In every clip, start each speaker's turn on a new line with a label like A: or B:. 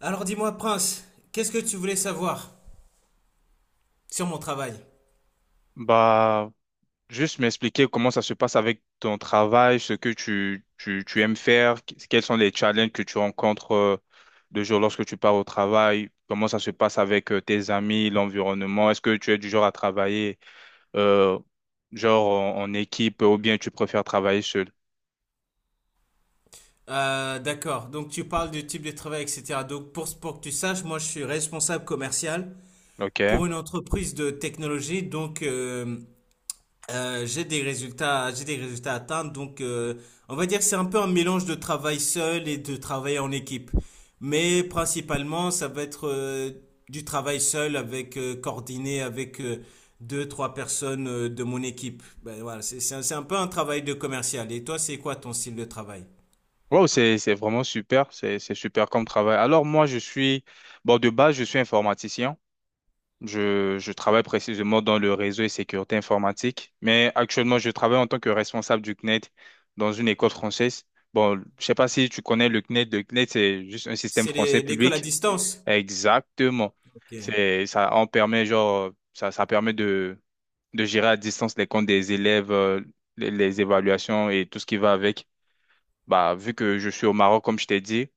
A: Alors dis-moi, Prince, qu'est-ce que tu voulais savoir sur mon travail?
B: Bah, juste m'expliquer comment ça se passe avec ton travail, ce que tu aimes faire, quels sont les challenges que tu rencontres de jour lorsque tu pars au travail, comment ça se passe avec tes amis, l'environnement, est-ce que tu es du genre à travailler euh, genre en équipe ou bien tu préfères travailler seul?
A: D'accord, donc tu parles du type de travail, etc. Donc pour que tu saches, moi je suis responsable commercial pour
B: Ok.
A: une entreprise de technologie, donc j'ai des résultats à atteindre, on va dire que c'est un peu un mélange de travail seul et de travail en équipe. Mais principalement, ça va être du travail seul avec coordonné avec deux, trois personnes de mon équipe. Ben, voilà, c'est un peu un travail de commercial. Et toi, c'est quoi ton style de travail?
B: Wow, c'est vraiment super, c'est super comme travail. Bon, de base, je suis informaticien. Je travaille précisément dans le réseau et sécurité informatique, mais actuellement, je travaille en tant que responsable du CNED dans une école française. Bon, je sais pas si tu connais le CNED. Le CNED, c'est juste un système français
A: L'école à
B: public.
A: distance?
B: Exactement.
A: Ok.
B: Ça en permet, genre, ça permet de gérer à distance les comptes des élèves, les évaluations et tout ce qui va avec. Bah, vu que je suis au Maroc, comme je t'ai dit,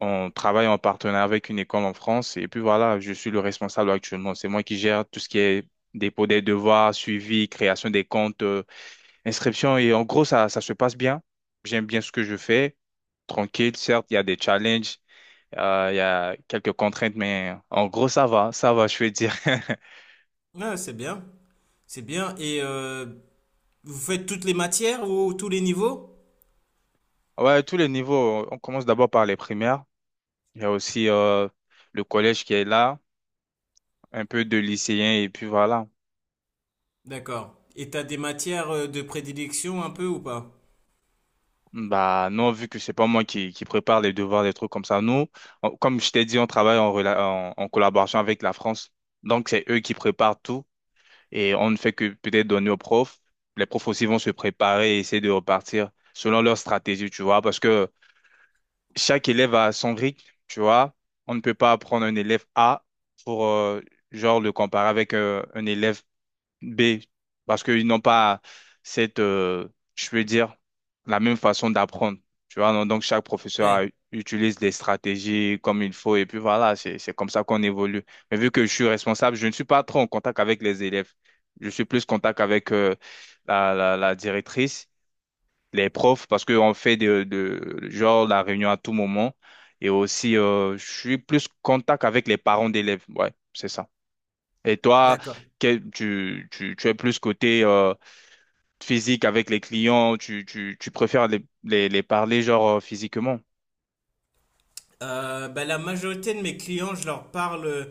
B: on travaille en partenariat avec une école en France et puis voilà, je suis le responsable actuellement. C'est moi qui gère tout ce qui est dépôt des devoirs, suivi, création des comptes, inscription et en gros, ça se passe bien. J'aime bien ce que je fais. Tranquille, certes, il y a des challenges, il y a quelques contraintes, mais en gros, ça va, je veux dire.
A: Ah, c'est bien, c'est bien. Et vous faites toutes les matières ou tous les niveaux?
B: Ouais, tous les niveaux. On commence d'abord par les primaires. Il y a aussi le collège qui est là, un peu de lycéens et puis voilà.
A: D'accord. Et t'as des matières de prédilection un peu ou pas?
B: Bah non, vu que c'est pas moi qui prépare les devoirs, des trucs comme ça. Nous, comme je t'ai dit, on travaille en, en collaboration avec la France. Donc c'est eux qui préparent tout et on ne fait que peut-être donner aux profs. Les profs aussi vont se préparer et essayer de repartir selon leur stratégie, tu vois, parce que chaque élève a son rythme, tu vois. On ne peut pas prendre un élève A pour genre le comparer avec un élève B, parce qu'ils n'ont pas cette, je veux dire, la même façon d'apprendre. Tu vois, non donc chaque
A: Ouais,
B: utilise des stratégies comme il faut et puis voilà, c'est comme ça qu'on évolue. Mais vu que je suis responsable, je ne suis pas trop en contact avec les élèves. Je suis plus en contact avec la directrice, les profs, parce qu'on fait genre la réunion à tout moment. Et aussi, je suis plus en contact avec les parents d'élèves. Ouais, c'est ça. Et toi,
A: d'accord.
B: tu es plus côté physique avec les clients, tu préfères les parler genre physiquement.
A: Bah, la majorité de mes clients, je leur parle euh,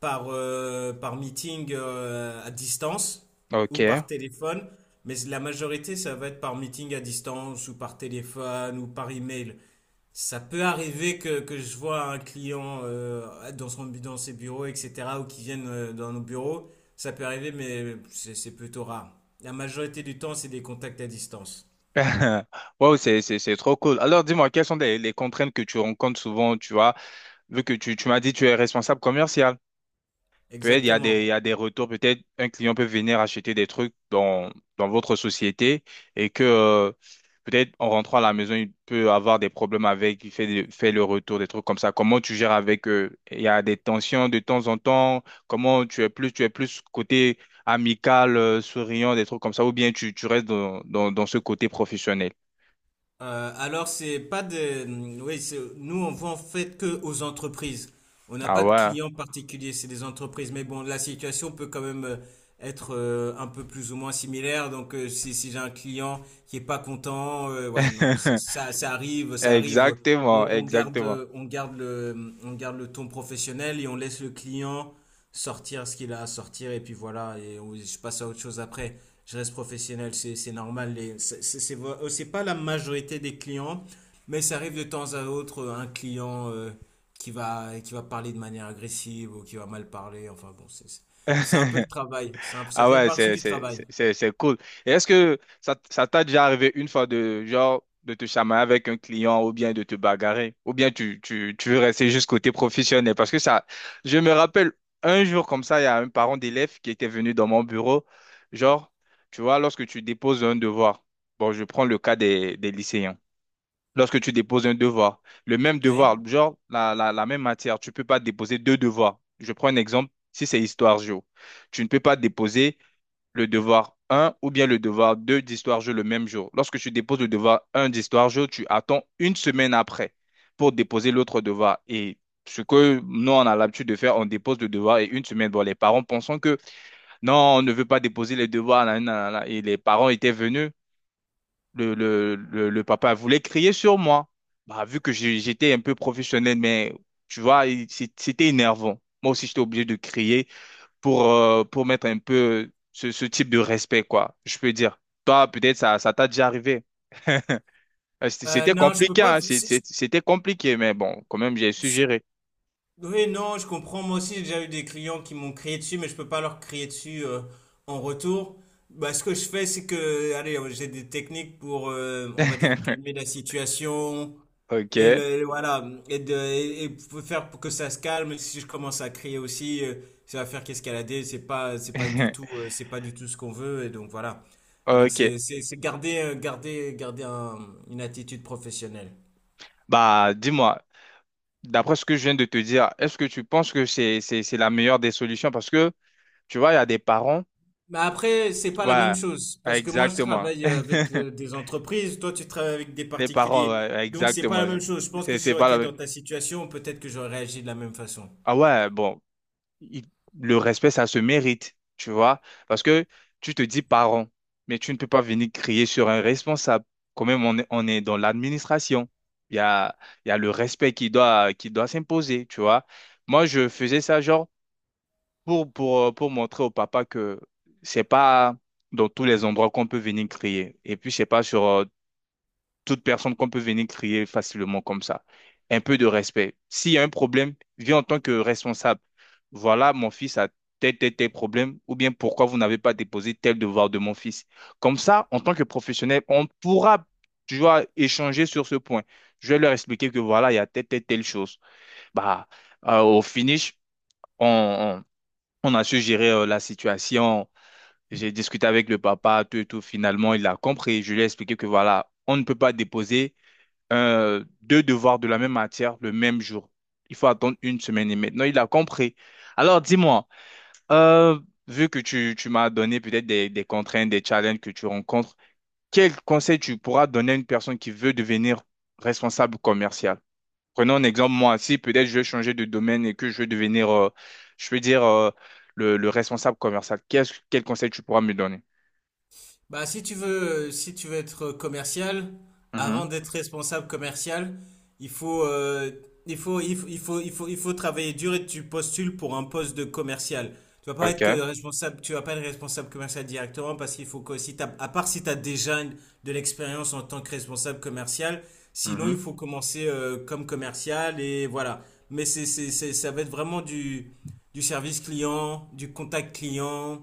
A: par, euh, par meeting à distance ou
B: Ok.
A: par téléphone, mais la majorité, ça va être par meeting à distance ou par téléphone ou par email. Ça peut arriver que je vois un client euh, dans ses bureaux, etc., ou qui viennent dans nos bureaux. Ça peut arriver, mais c'est plutôt rare. La majorité du temps, c'est des contacts à distance.
B: Wow, c'est trop cool. Alors dis-moi, quelles sont les contraintes que tu rencontres souvent, tu vois, vu que tu m'as dit que tu es responsable commercial. Peut-être il y a il
A: Exactement.
B: y a des retours, peut-être un client peut venir acheter des trucs dans, dans votre société et que peut-être en rentrant à la maison, il peut avoir des problèmes avec, fait le retour, des trucs comme ça. Comment tu gères avec eux? Il y a des tensions de temps en temps. Comment tu es plus côté amical, souriant, des trucs comme ça, ou bien tu restes dans ce côté professionnel?
A: Alors c'est pas des, oui, nous on vend en fait que aux entreprises. On n'a
B: Ah
A: pas de
B: ouais.
A: clients particuliers, c'est des entreprises. Mais bon, la situation peut quand même être un peu plus ou moins similaire. Donc si j'ai un client qui est pas content, ouais non, ça, ça arrive, ça arrive. On,
B: Exactement,
A: on garde,
B: exactement.
A: on garde le, on garde le ton professionnel et on laisse le client sortir ce qu'il a à sortir et puis voilà, je passe à autre chose après. Je reste professionnel, c'est normal. C'est pas la majorité des clients, mais ça arrive de temps à autre un client euh, qui va parler de manière agressive ou qui va mal parler. Enfin bon, c'est un peu le travail. Ça
B: Ah
A: fait
B: ouais,
A: partie
B: c'est,
A: du
B: c'est,
A: travail.
B: c'est, c'est c'est cool. Et est-ce que ça t'a déjà arrivé une fois de, genre, de te chamailler avec un client ou bien de te bagarrer? Ou bien tu veux rester juste côté professionnel? Parce que ça, je me rappelle un jour comme ça, il y a un parent d'élève qui était venu dans mon bureau. Genre, tu vois, lorsque tu déposes un devoir, bon, je prends le cas des lycéens. Lorsque tu déposes un devoir, le même
A: Ouais.
B: devoir, genre la même matière, tu peux pas déposer deux devoirs. Je prends un exemple, si c'est histoire géo, tu ne peux pas déposer le devoir un ou bien le devoir 2 d'histoire-jeu le même jour. Lorsque tu déposes le devoir un d'histoire-jeu, tu attends une semaine après pour déposer l'autre devoir. Et ce que nous, on a l'habitude de faire, on dépose le devoir et une semaine. Bon, les parents pensant que non, on ne veut pas déposer les devoirs. Nanana, nanana. Et les parents étaient venus. Le papa voulait crier sur moi. Bah, vu que j'étais un peu professionnel, mais tu vois, c'était énervant. Moi aussi, j'étais obligé de crier pour mettre un peu ce, ce type de respect, quoi, je peux dire. Toi, peut-être ça t'a déjà arrivé. C'était
A: Non, je peux
B: compliqué,
A: pas.
B: hein, c'était compliqué, mais bon, quand même, j'ai su gérer.
A: Oui, non, je comprends. Moi aussi, j'ai déjà eu des clients qui m'ont crié dessus, mais je peux pas leur crier dessus en retour. Bah, ce que je fais, c'est que, allez, j'ai des techniques pour, on va dire, calmer la situation et
B: Ok.
A: le, le- voilà, et et pour faire pour que ça se calme. Si je commence à crier aussi, ça va faire qu'escalader. C'est pas du tout ce qu'on veut. Et donc voilà. Et donc
B: Ok.
A: c'est garder, garder une attitude professionnelle.
B: Bah, dis-moi, d'après ce que je viens de te dire, est-ce que tu penses que c'est la meilleure des solutions? Parce que, tu vois, il y a des parents.
A: Mais après, c'est pas la même
B: Voilà.
A: chose parce que moi je
B: Exactement.
A: travaille avec des entreprises, toi tu travailles avec des
B: Les parents,
A: particuliers.
B: ouais,
A: Donc c'est pas
B: exactement.
A: la même chose. Je pense que si
B: C'est
A: j'aurais
B: pas la
A: été
B: même.
A: dans ta situation, peut-être que j'aurais réagi de la même façon.
B: Ah ouais, bon. il- le respect, ça se mérite, tu vois, parce que tu te dis parent, mais tu ne peux pas venir crier sur un responsable. Quand même, on est dans l'administration. Il y a, il y a le respect qui doit s'imposer, tu vois. Moi, je faisais ça genre pour montrer au papa que c'est pas dans tous les endroits qu'on peut venir crier. Et puis, c'est pas sur, toute personne qu'on peut venir crier facilement comme ça. Un peu de respect. S'il y a un problème, viens en tant que responsable. Voilà, mon fils a tel, tel, tel problème, ou bien pourquoi vous n'avez pas déposé tel devoir de mon fils. Comme ça, en tant que professionnel, on pourra, tu vois, échanger sur ce point. Je vais leur expliquer que voilà, il y a telle, telle, telle chose. Bah, au finish, on, on a su gérer la situation. J'ai discuté avec le papa, tout et tout. Finalement, il a compris. Je lui ai expliqué que voilà, on ne peut pas déposer deux devoirs de la même matière le même jour. Il faut attendre une semaine et maintenant il a compris. Alors dis-moi, euh, vu que tu m'as donné peut-être des contraintes, des challenges que tu rencontres, quel conseil tu pourras donner à une personne qui veut devenir responsable commercial? Prenons un exemple, moi, si peut-être je veux changer de domaine et que je veux devenir, je veux dire, le responsable commercial, quel conseil tu pourras me donner?
A: Bah, si tu veux, si tu veux être commercial, avant
B: Mhm.
A: d'être responsable commercial, il faut, il faut, il faut, il faut, il faut, il faut travailler dur et tu postules pour un poste de commercial. Tu vas pas être que
B: OK.
A: responsable, tu vas pas être responsable commercial directement parce qu'il faut que si t'as, à part si tu as déjà de l'expérience en tant que responsable commercial, sinon il
B: Mhm.
A: faut commencer comme commercial et voilà. Mais ça va être vraiment du service client, du contact client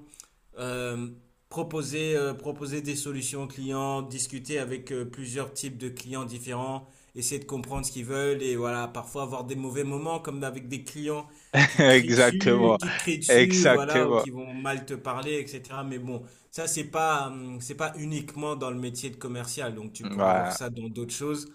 A: euh, euh, proposer des solutions aux clients, discuter avec plusieurs types de clients différents, essayer de comprendre ce qu'ils veulent et voilà, parfois avoir des mauvais moments comme avec des clients qui te crient dessus,
B: Exactement.
A: qui te crient dessus, voilà, ou
B: Exactement.
A: qui vont mal te parler, etc. Mais bon, ça, c'est pas uniquement dans le métier de commercial, donc tu pourras voir
B: Voilà.
A: ça dans d'autres choses.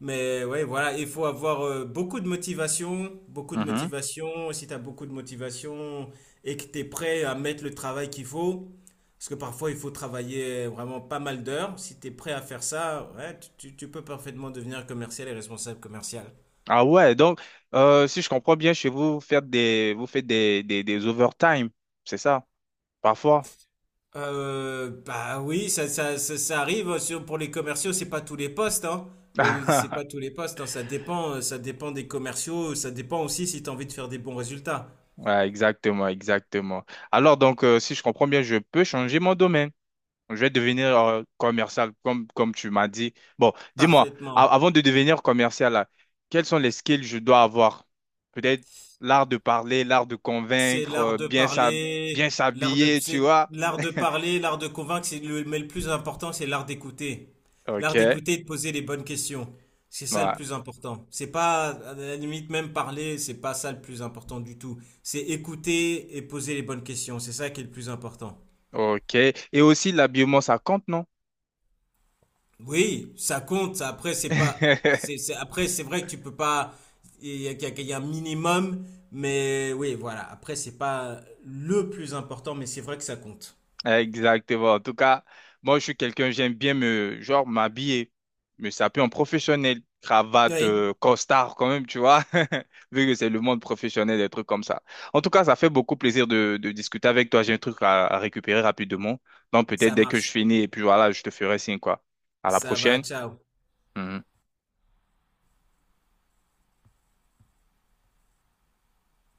A: Mais ouais, voilà, il faut avoir beaucoup de motivation, beaucoup de motivation. Si tu as beaucoup de motivation et que tu es prêt à mettre le travail qu'il faut, parce que parfois il faut travailler vraiment pas mal d'heures, si tu es prêt à faire ça, ouais, tu peux parfaitement devenir commercial et responsable commercial.
B: Ah ouais, donc si je comprends bien, chez vous, vous faites des overtime, c'est ça, parfois.
A: Bah oui, ça arrive sur, pour les commerciaux, c'est pas tous les postes, hein. C'est pas tous les postes, hein. Ça dépend des commerciaux, ça dépend aussi si tu as envie de faire des bons résultats.
B: Ouais, exactement, exactement. Alors donc, si je comprends bien, je peux changer mon domaine. Je vais devenir commercial, comme tu m'as dit. Bon, dis-moi,
A: Parfaitement.
B: avant de devenir commercial, là, quels sont les skills que je dois avoir? Peut-être l'art de parler, l'art de
A: C'est
B: convaincre,
A: l'art de
B: bien
A: parler, l'art de,
B: s'habiller, tu
A: c'est
B: vois.
A: l'art de parler, l'art de convaincre, mais le plus important, c'est l'art d'écouter.
B: Ok,
A: L'art d'écouter et de poser les bonnes questions. C'est ça le
B: ouais,
A: plus important. C'est pas, à la limite, même parler, c'est pas ça le plus important du tout. C'est écouter et poser les bonnes questions. C'est ça qui est le plus important.
B: ok. Et aussi l'habillement, ça compte, non?
A: Oui, ça compte. Ça, Après, c'est pas, c'est- Après, c'est vrai que tu peux pas, il y a un minimum, mais oui, voilà. Après, c'est pas le plus important, mais c'est vrai que ça compte.
B: Exactement. En tout cas, moi, je suis quelqu'un, j'aime bien me, genre, m'habiller, me saper en professionnel, cravate,
A: Oui.
B: costard quand même, tu vois, vu que c'est le monde professionnel, des trucs comme ça. En tout cas, ça fait beaucoup plaisir de discuter avec toi. J'ai un truc à récupérer rapidement. Donc, peut-être
A: Ça
B: dès que je
A: marche.
B: finis, et puis voilà, je te ferai signe, quoi. À la
A: Ça va,
B: prochaine.
A: ciao.
B: Mhm.